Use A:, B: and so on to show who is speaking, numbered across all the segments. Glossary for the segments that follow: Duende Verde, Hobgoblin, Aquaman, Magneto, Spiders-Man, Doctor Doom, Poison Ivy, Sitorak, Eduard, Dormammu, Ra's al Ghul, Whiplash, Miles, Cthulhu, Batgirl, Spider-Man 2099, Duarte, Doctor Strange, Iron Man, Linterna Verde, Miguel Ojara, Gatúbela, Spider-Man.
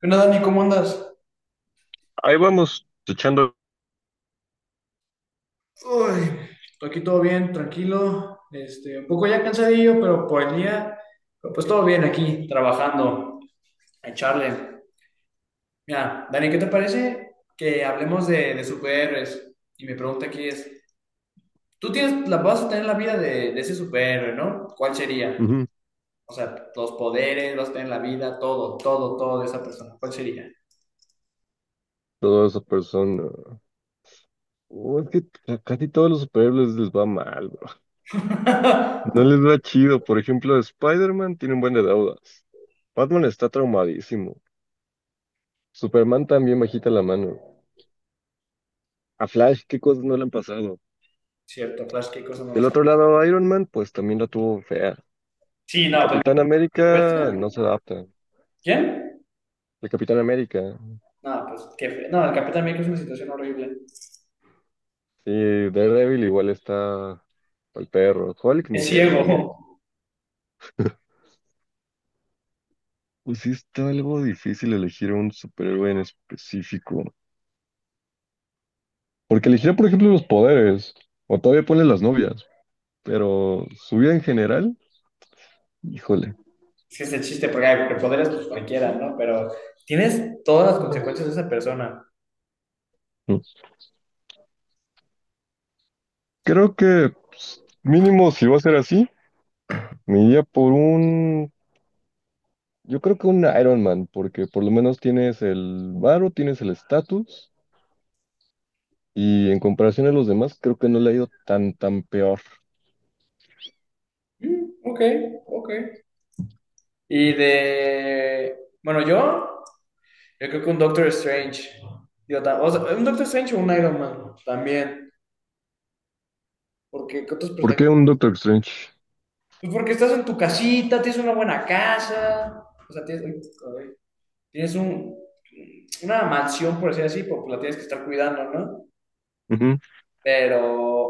A: ¿Qué onda, Dani? ¿Cómo andas?
B: Ahí vamos echando.
A: Uy, aquí todo bien, tranquilo, un poco ya cansadillo, pero por el día, pero pues todo bien aquí, trabajando, en charle. Mira, Dani, ¿qué te parece que hablemos de superhéroes? Y mi pregunta aquí es, vas a tener la vida de ese superhéroe, ¿no? ¿Cuál sería?
B: Ujú.
A: O sea, los poderes, vas a tener la vida, todo de esa persona. ¿Cuál sería?
B: Toda esa persona. Oh, es que a casi todos los superhéroes les va mal, bro. No les va chido. Por ejemplo, Spider-Man tiene un buen de deudas. Batman está traumadísimo. Superman también bajita la mano. A Flash, ¿qué cosas no le han pasado?
A: Cierto, Flash, qué cosa no lo
B: Del otro
A: sabes.
B: lado, Iron Man, pues también la tuvo fea.
A: Sí,
B: El
A: no, pues
B: Capitán
A: por
B: América no se
A: supuesto.
B: adapta.
A: ¿Quién?
B: El Capitán América.
A: No, pues no, el Capitán América es una situación horrible.
B: Sí, Daredevil igual está al perro. Hulk ni
A: Es
B: se
A: ciego.
B: diga. Pues sí está algo difícil elegir un superhéroe en específico. Porque elegir, por ejemplo, los poderes, o todavía pones las novias, pero su vida en general, híjole.
A: Es que es el chiste, porque, ay, porque poderes, pues cualquiera, ¿no? Pero tienes todas las
B: Mm.
A: consecuencias de esa persona.
B: Creo que pues, mínimo si va a ser así, me iría por un, yo creo que un Iron Man, porque por lo menos tienes el varo, tienes el estatus, y en comparación a los demás, creo que no le ha ido tan peor.
A: Mm, ok, ok. Y de. Bueno, yo. Yo creo que un Doctor Strange. Digo, o sea, un Doctor Strange o un Iron Man también. Porque, ¿qué otros
B: ¿Por
A: personajes?
B: qué un Doctor Strange?
A: Pues porque estás en tu casita, tienes una buena casa. O sea, tienes. Uy, ay, Tienes un. Una mansión, por decir así, porque la tienes que estar cuidando, ¿no?
B: Ujú.
A: Pero,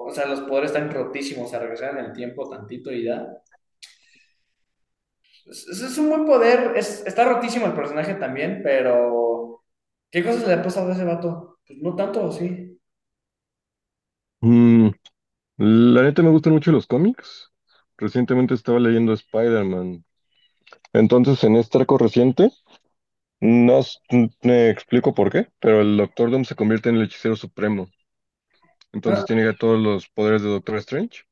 A: o sea, los poderes están rotísimos, o sea, regresar en el tiempo tantito y da. Un buen poder, está rotísimo el personaje también, pero ¿qué cosas le ha pasado a ese vato? Pues no tanto, sí.
B: Mm, la neta me gustan mucho los cómics. Recientemente estaba leyendo Spider-Man. Entonces, en este arco reciente, no s- me explico por qué, pero el Doctor Doom se convierte en el hechicero supremo.
A: Ah,
B: Entonces tiene ya todos los poderes de Doctor Strange.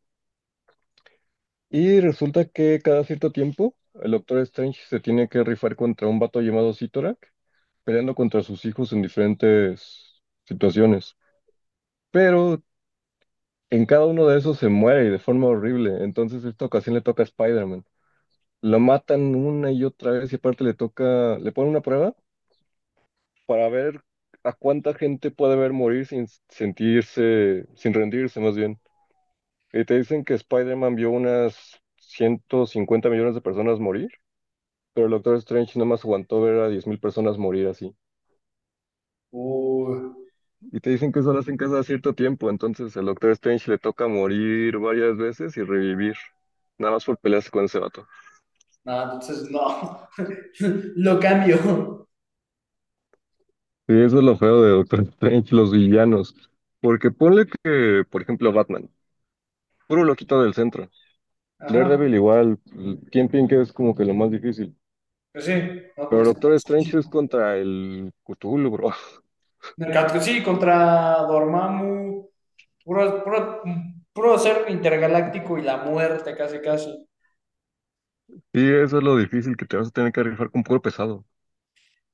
B: Y resulta que cada cierto tiempo, el Doctor Strange se tiene que rifar contra un vato llamado Sitorak, peleando contra sus hijos en diferentes situaciones. Pero en cada uno de esos se muere y de forma horrible. Entonces, esta ocasión le toca a Spider-Man. Lo matan una y otra vez y aparte le toca, le ponen una prueba para ver a cuánta gente puede ver morir sin sentirse, sin rendirse más bien. Y te dicen que Spider-Man vio unas 150 millones de personas morir, pero el Doctor Strange nomás aguantó ver a 10,000 personas morir así.
A: uy,
B: Y te dicen que solo hacen caso a cierto tiempo, entonces al Doctor Strange le toca morir varias veces y revivir, nada más por pelearse con ese vato.
A: no, entonces no. Lo cambio.
B: Sí, eso es lo feo de Doctor Strange, los villanos. Porque ponle que, por ejemplo, Batman, puro loquito del centro.
A: Ajá,
B: Daredevil igual, Kingpin que es como que lo más difícil.
A: pues sí, no porque
B: Pero
A: está
B: Doctor Strange es
A: rotísimo.
B: contra el Cthulhu, bro.
A: Sí, contra Dormammu, puro, puro, puro ser intergaláctico y la muerte casi casi.
B: Sí, eso es lo difícil, que te vas a tener que rifar con puro pesado.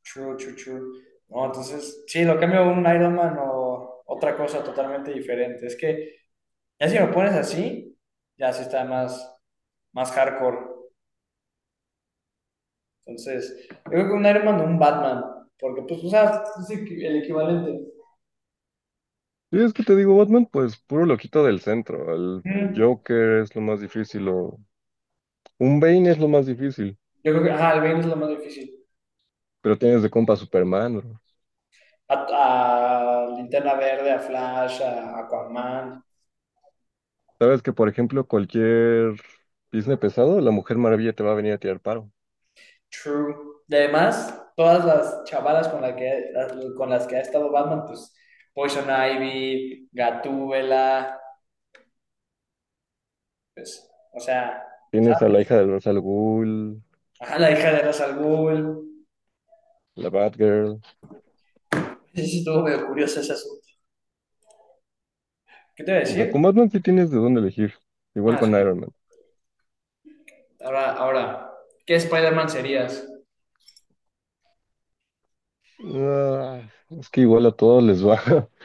A: True, true, true. No, entonces, sí, lo cambio a un Iron Man o otra cosa totalmente diferente. Es que ya si lo pones así, ya sí está más, más hardcore. Entonces, yo creo que un Iron Man o un Batman, porque pues, o sea, el equivalente.
B: Y es que te digo, Batman, pues puro loquito del centro. El
A: Mm,
B: Joker es lo más difícil, o un Bane es lo más difícil.
A: yo creo que, ajá, el Bane es lo más difícil.
B: Pero tienes de compa a Superman, bro.
A: A Linterna Verde, a Flash, a Aquaman.
B: Sabes que, por ejemplo, cualquier Disney pesado, la Mujer Maravilla te va a venir a tirar paro.
A: True. Y además, todas las chavalas con las que ha estado Batman, pues Poison Ivy, Gatúbela, pues, o sea, ¿sabes?
B: Tienes a la hija del Ra's al Ghul,
A: Ajá, la hija de Ra's al Ghul.
B: la Batgirl.
A: Sí, sí, estuvo medio curioso ese asunto. ¿Qué te voy a
B: O sea,
A: decir?
B: con Batman sí tienes de dónde elegir. Igual
A: Ah,
B: con
A: sí.
B: Iron Man.
A: Ahora, ¿qué Spider-Man serías?
B: Ah, es que igual a todos les va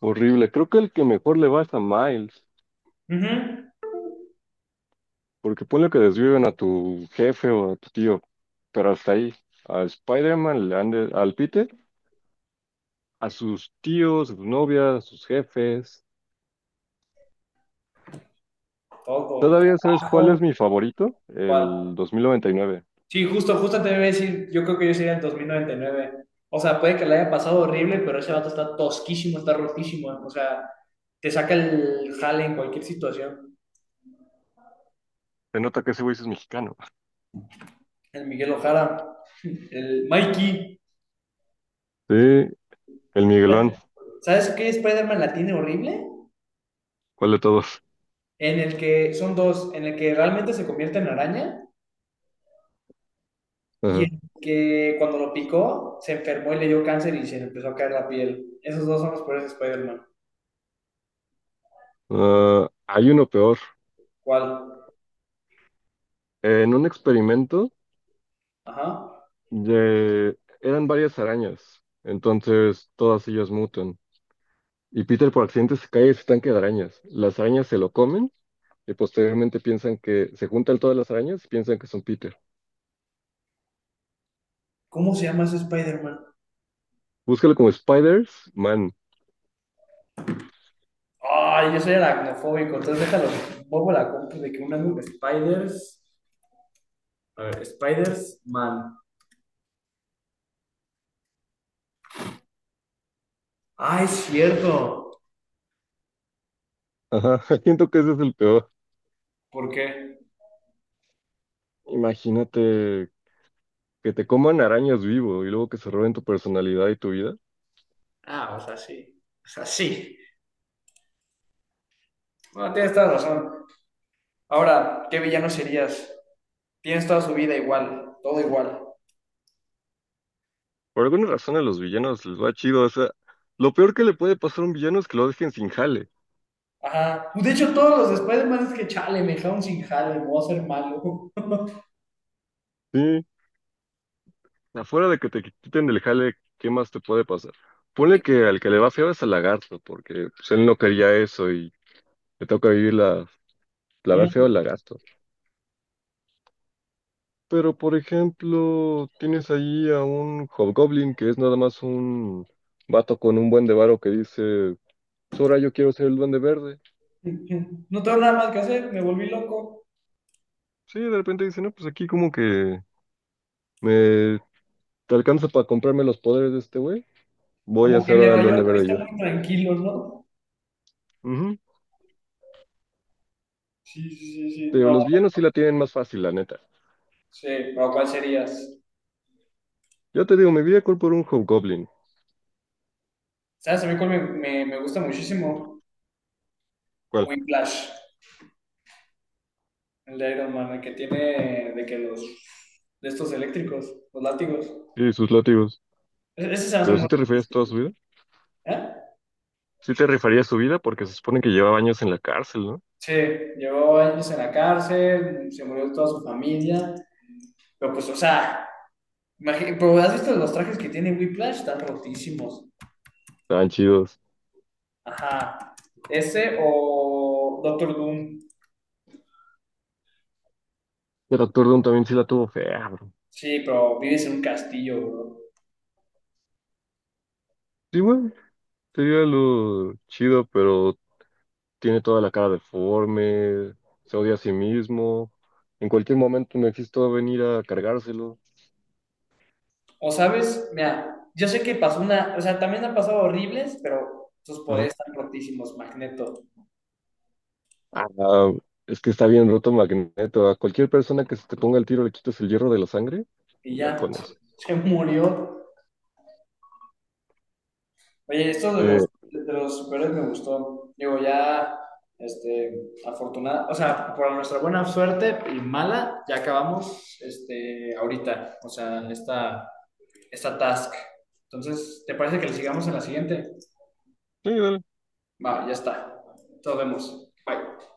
B: horrible. Creo que el que mejor le va es a Miles.
A: Ujú.
B: Porque ponle que desviven a tu jefe o a tu tío. Pero hasta ahí. A Spider-Man, al Peter, a sus tíos, sus novias, sus jefes.
A: Todo.
B: ¿Todavía sabes cuál
A: Trabajo.
B: es mi favorito? El
A: ¿Cuál?
B: 2099.
A: Sí, justo te iba a decir, yo creo que yo sería el 2099. O sea, puede que le haya pasado horrible, pero ese vato está tosquísimo, está rotísimo. O sea, te saca el jale en cualquier situación.
B: Se nota que ese güey sí es mexicano.
A: El Miguel Ojara, el Mikey.
B: Sí, el Miguelón.
A: ¿Sabes qué Spider-Man la tiene horrible?
B: ¿Cuál de todos?
A: En el que son dos, en el que realmente se convierte en araña y
B: Ajá.
A: en el que cuando lo picó se enfermó y le dio cáncer y se le empezó a caer la piel. Esos dos son los peores Spider-Man.
B: Ah, hay uno peor.
A: ¿Cuál?
B: En un experimento
A: Ajá.
B: eran varias arañas, entonces todas ellas mutan. Y Peter por accidente se cae de su tanque de arañas. Las arañas se lo comen y posteriormente piensan, que se juntan todas las arañas y piensan que son Peter.
A: ¿Cómo se llama ese Spider-Man?
B: Búscalo como Spiders-Man.
A: Ay, yo soy aracnofóbico, entonces déjalo. Pongo la compu de que Spiders. A ver, Spiders Man. Ah, es cierto.
B: Ajá, siento que ese es el peor.
A: ¿Por qué?
B: Imagínate que te coman arañas vivo y luego que se roben tu personalidad y tu vida.
A: Ah, o sea, sí. O sea, sí. Bueno, tienes toda la razón. Ahora, ¿qué villano serías? Tienes toda su vida igual, todo igual.
B: Por alguna razón a los villanos les va chido, o sea, lo peor que le puede pasar a un villano es que lo dejen sin jale.
A: Ajá. Pues, de hecho, todos los de Spider-Man es que chale, me dejaron sin jale, me voy a hacer malo.
B: Sí. Afuera de que te quiten del jale, ¿qué más te puede pasar? Ponle que al que le va feo es al lagarto, porque pues, él no quería eso y le toca vivir la va feo al lagarto. Pero, por ejemplo, tienes ahí a un hobgoblin que es nada más un vato con un buen de varo que dice, Sora, yo quiero ser el duende verde.
A: No tengo nada más que hacer, me volví loco.
B: Sí, de repente dice, no, pues aquí como que me... ¿Te alcanza para comprarme los poderes de este güey? Voy a
A: Como que
B: hacer
A: en
B: ahora
A: Nueva
B: el Duende
A: York
B: Verde
A: está
B: yo.
A: muy tranquilo, ¿no?
B: Ujú.
A: Sí, sí, sí, sí.
B: Te digo,
A: No,
B: los villanos sí la tienen más fácil, la neta.
A: sí, pero ¿cuál serías?
B: Yo te digo, me vi a por un Hobgoblin.
A: ¿Sabes? A mí cuál me gusta muchísimo
B: ¿Cuál?
A: Whiplash, el de Iron Man, el que tiene de que de estos eléctricos, los látigos.
B: Sí, sus látigos.
A: Ese se hace
B: ¿Pero
A: muy
B: sí te rifarías toda
A: difícil,
B: su vida?
A: ¿eh?
B: Sí te rifarías su vida, porque se supone que llevaba años en la cárcel, ¿no?
A: Sí, llevó años en la cárcel, se murió toda su familia, pero pues, o sea, pero ¿has visto los trajes que tiene Whiplash? Están rotísimos.
B: Estaban chidos.
A: Ajá. Ese o Doctor Doom.
B: El actor Doom también sí la tuvo fea, bro.
A: Sí, pero vives en un castillo, bro.
B: Sí, güey. Sería lo chido, pero tiene toda la cara deforme, se odia a sí mismo. En cualquier momento me va a venir a cargárselo.
A: O sabes, mira, yo sé que pasó una, o sea, también han pasado horribles, pero sus
B: Ajá.
A: poderes están rotísimos, Magneto.
B: Ah, ah, es que está bien roto Magneto. A cualquier persona que se te ponga el tiro le quitas el hierro de la sangre.
A: Y
B: Ya
A: ya,
B: con eso.
A: se murió. Oye, esto
B: Sí,
A: de de los superhéroes me gustó. Digo, ya, afortunada, o sea, por nuestra buena suerte y mala, ya acabamos, ahorita, o sea, esta task. Entonces, ¿te parece que le sigamos en la siguiente?
B: sí, dale.
A: Va, ya está. Nos vemos. Bye.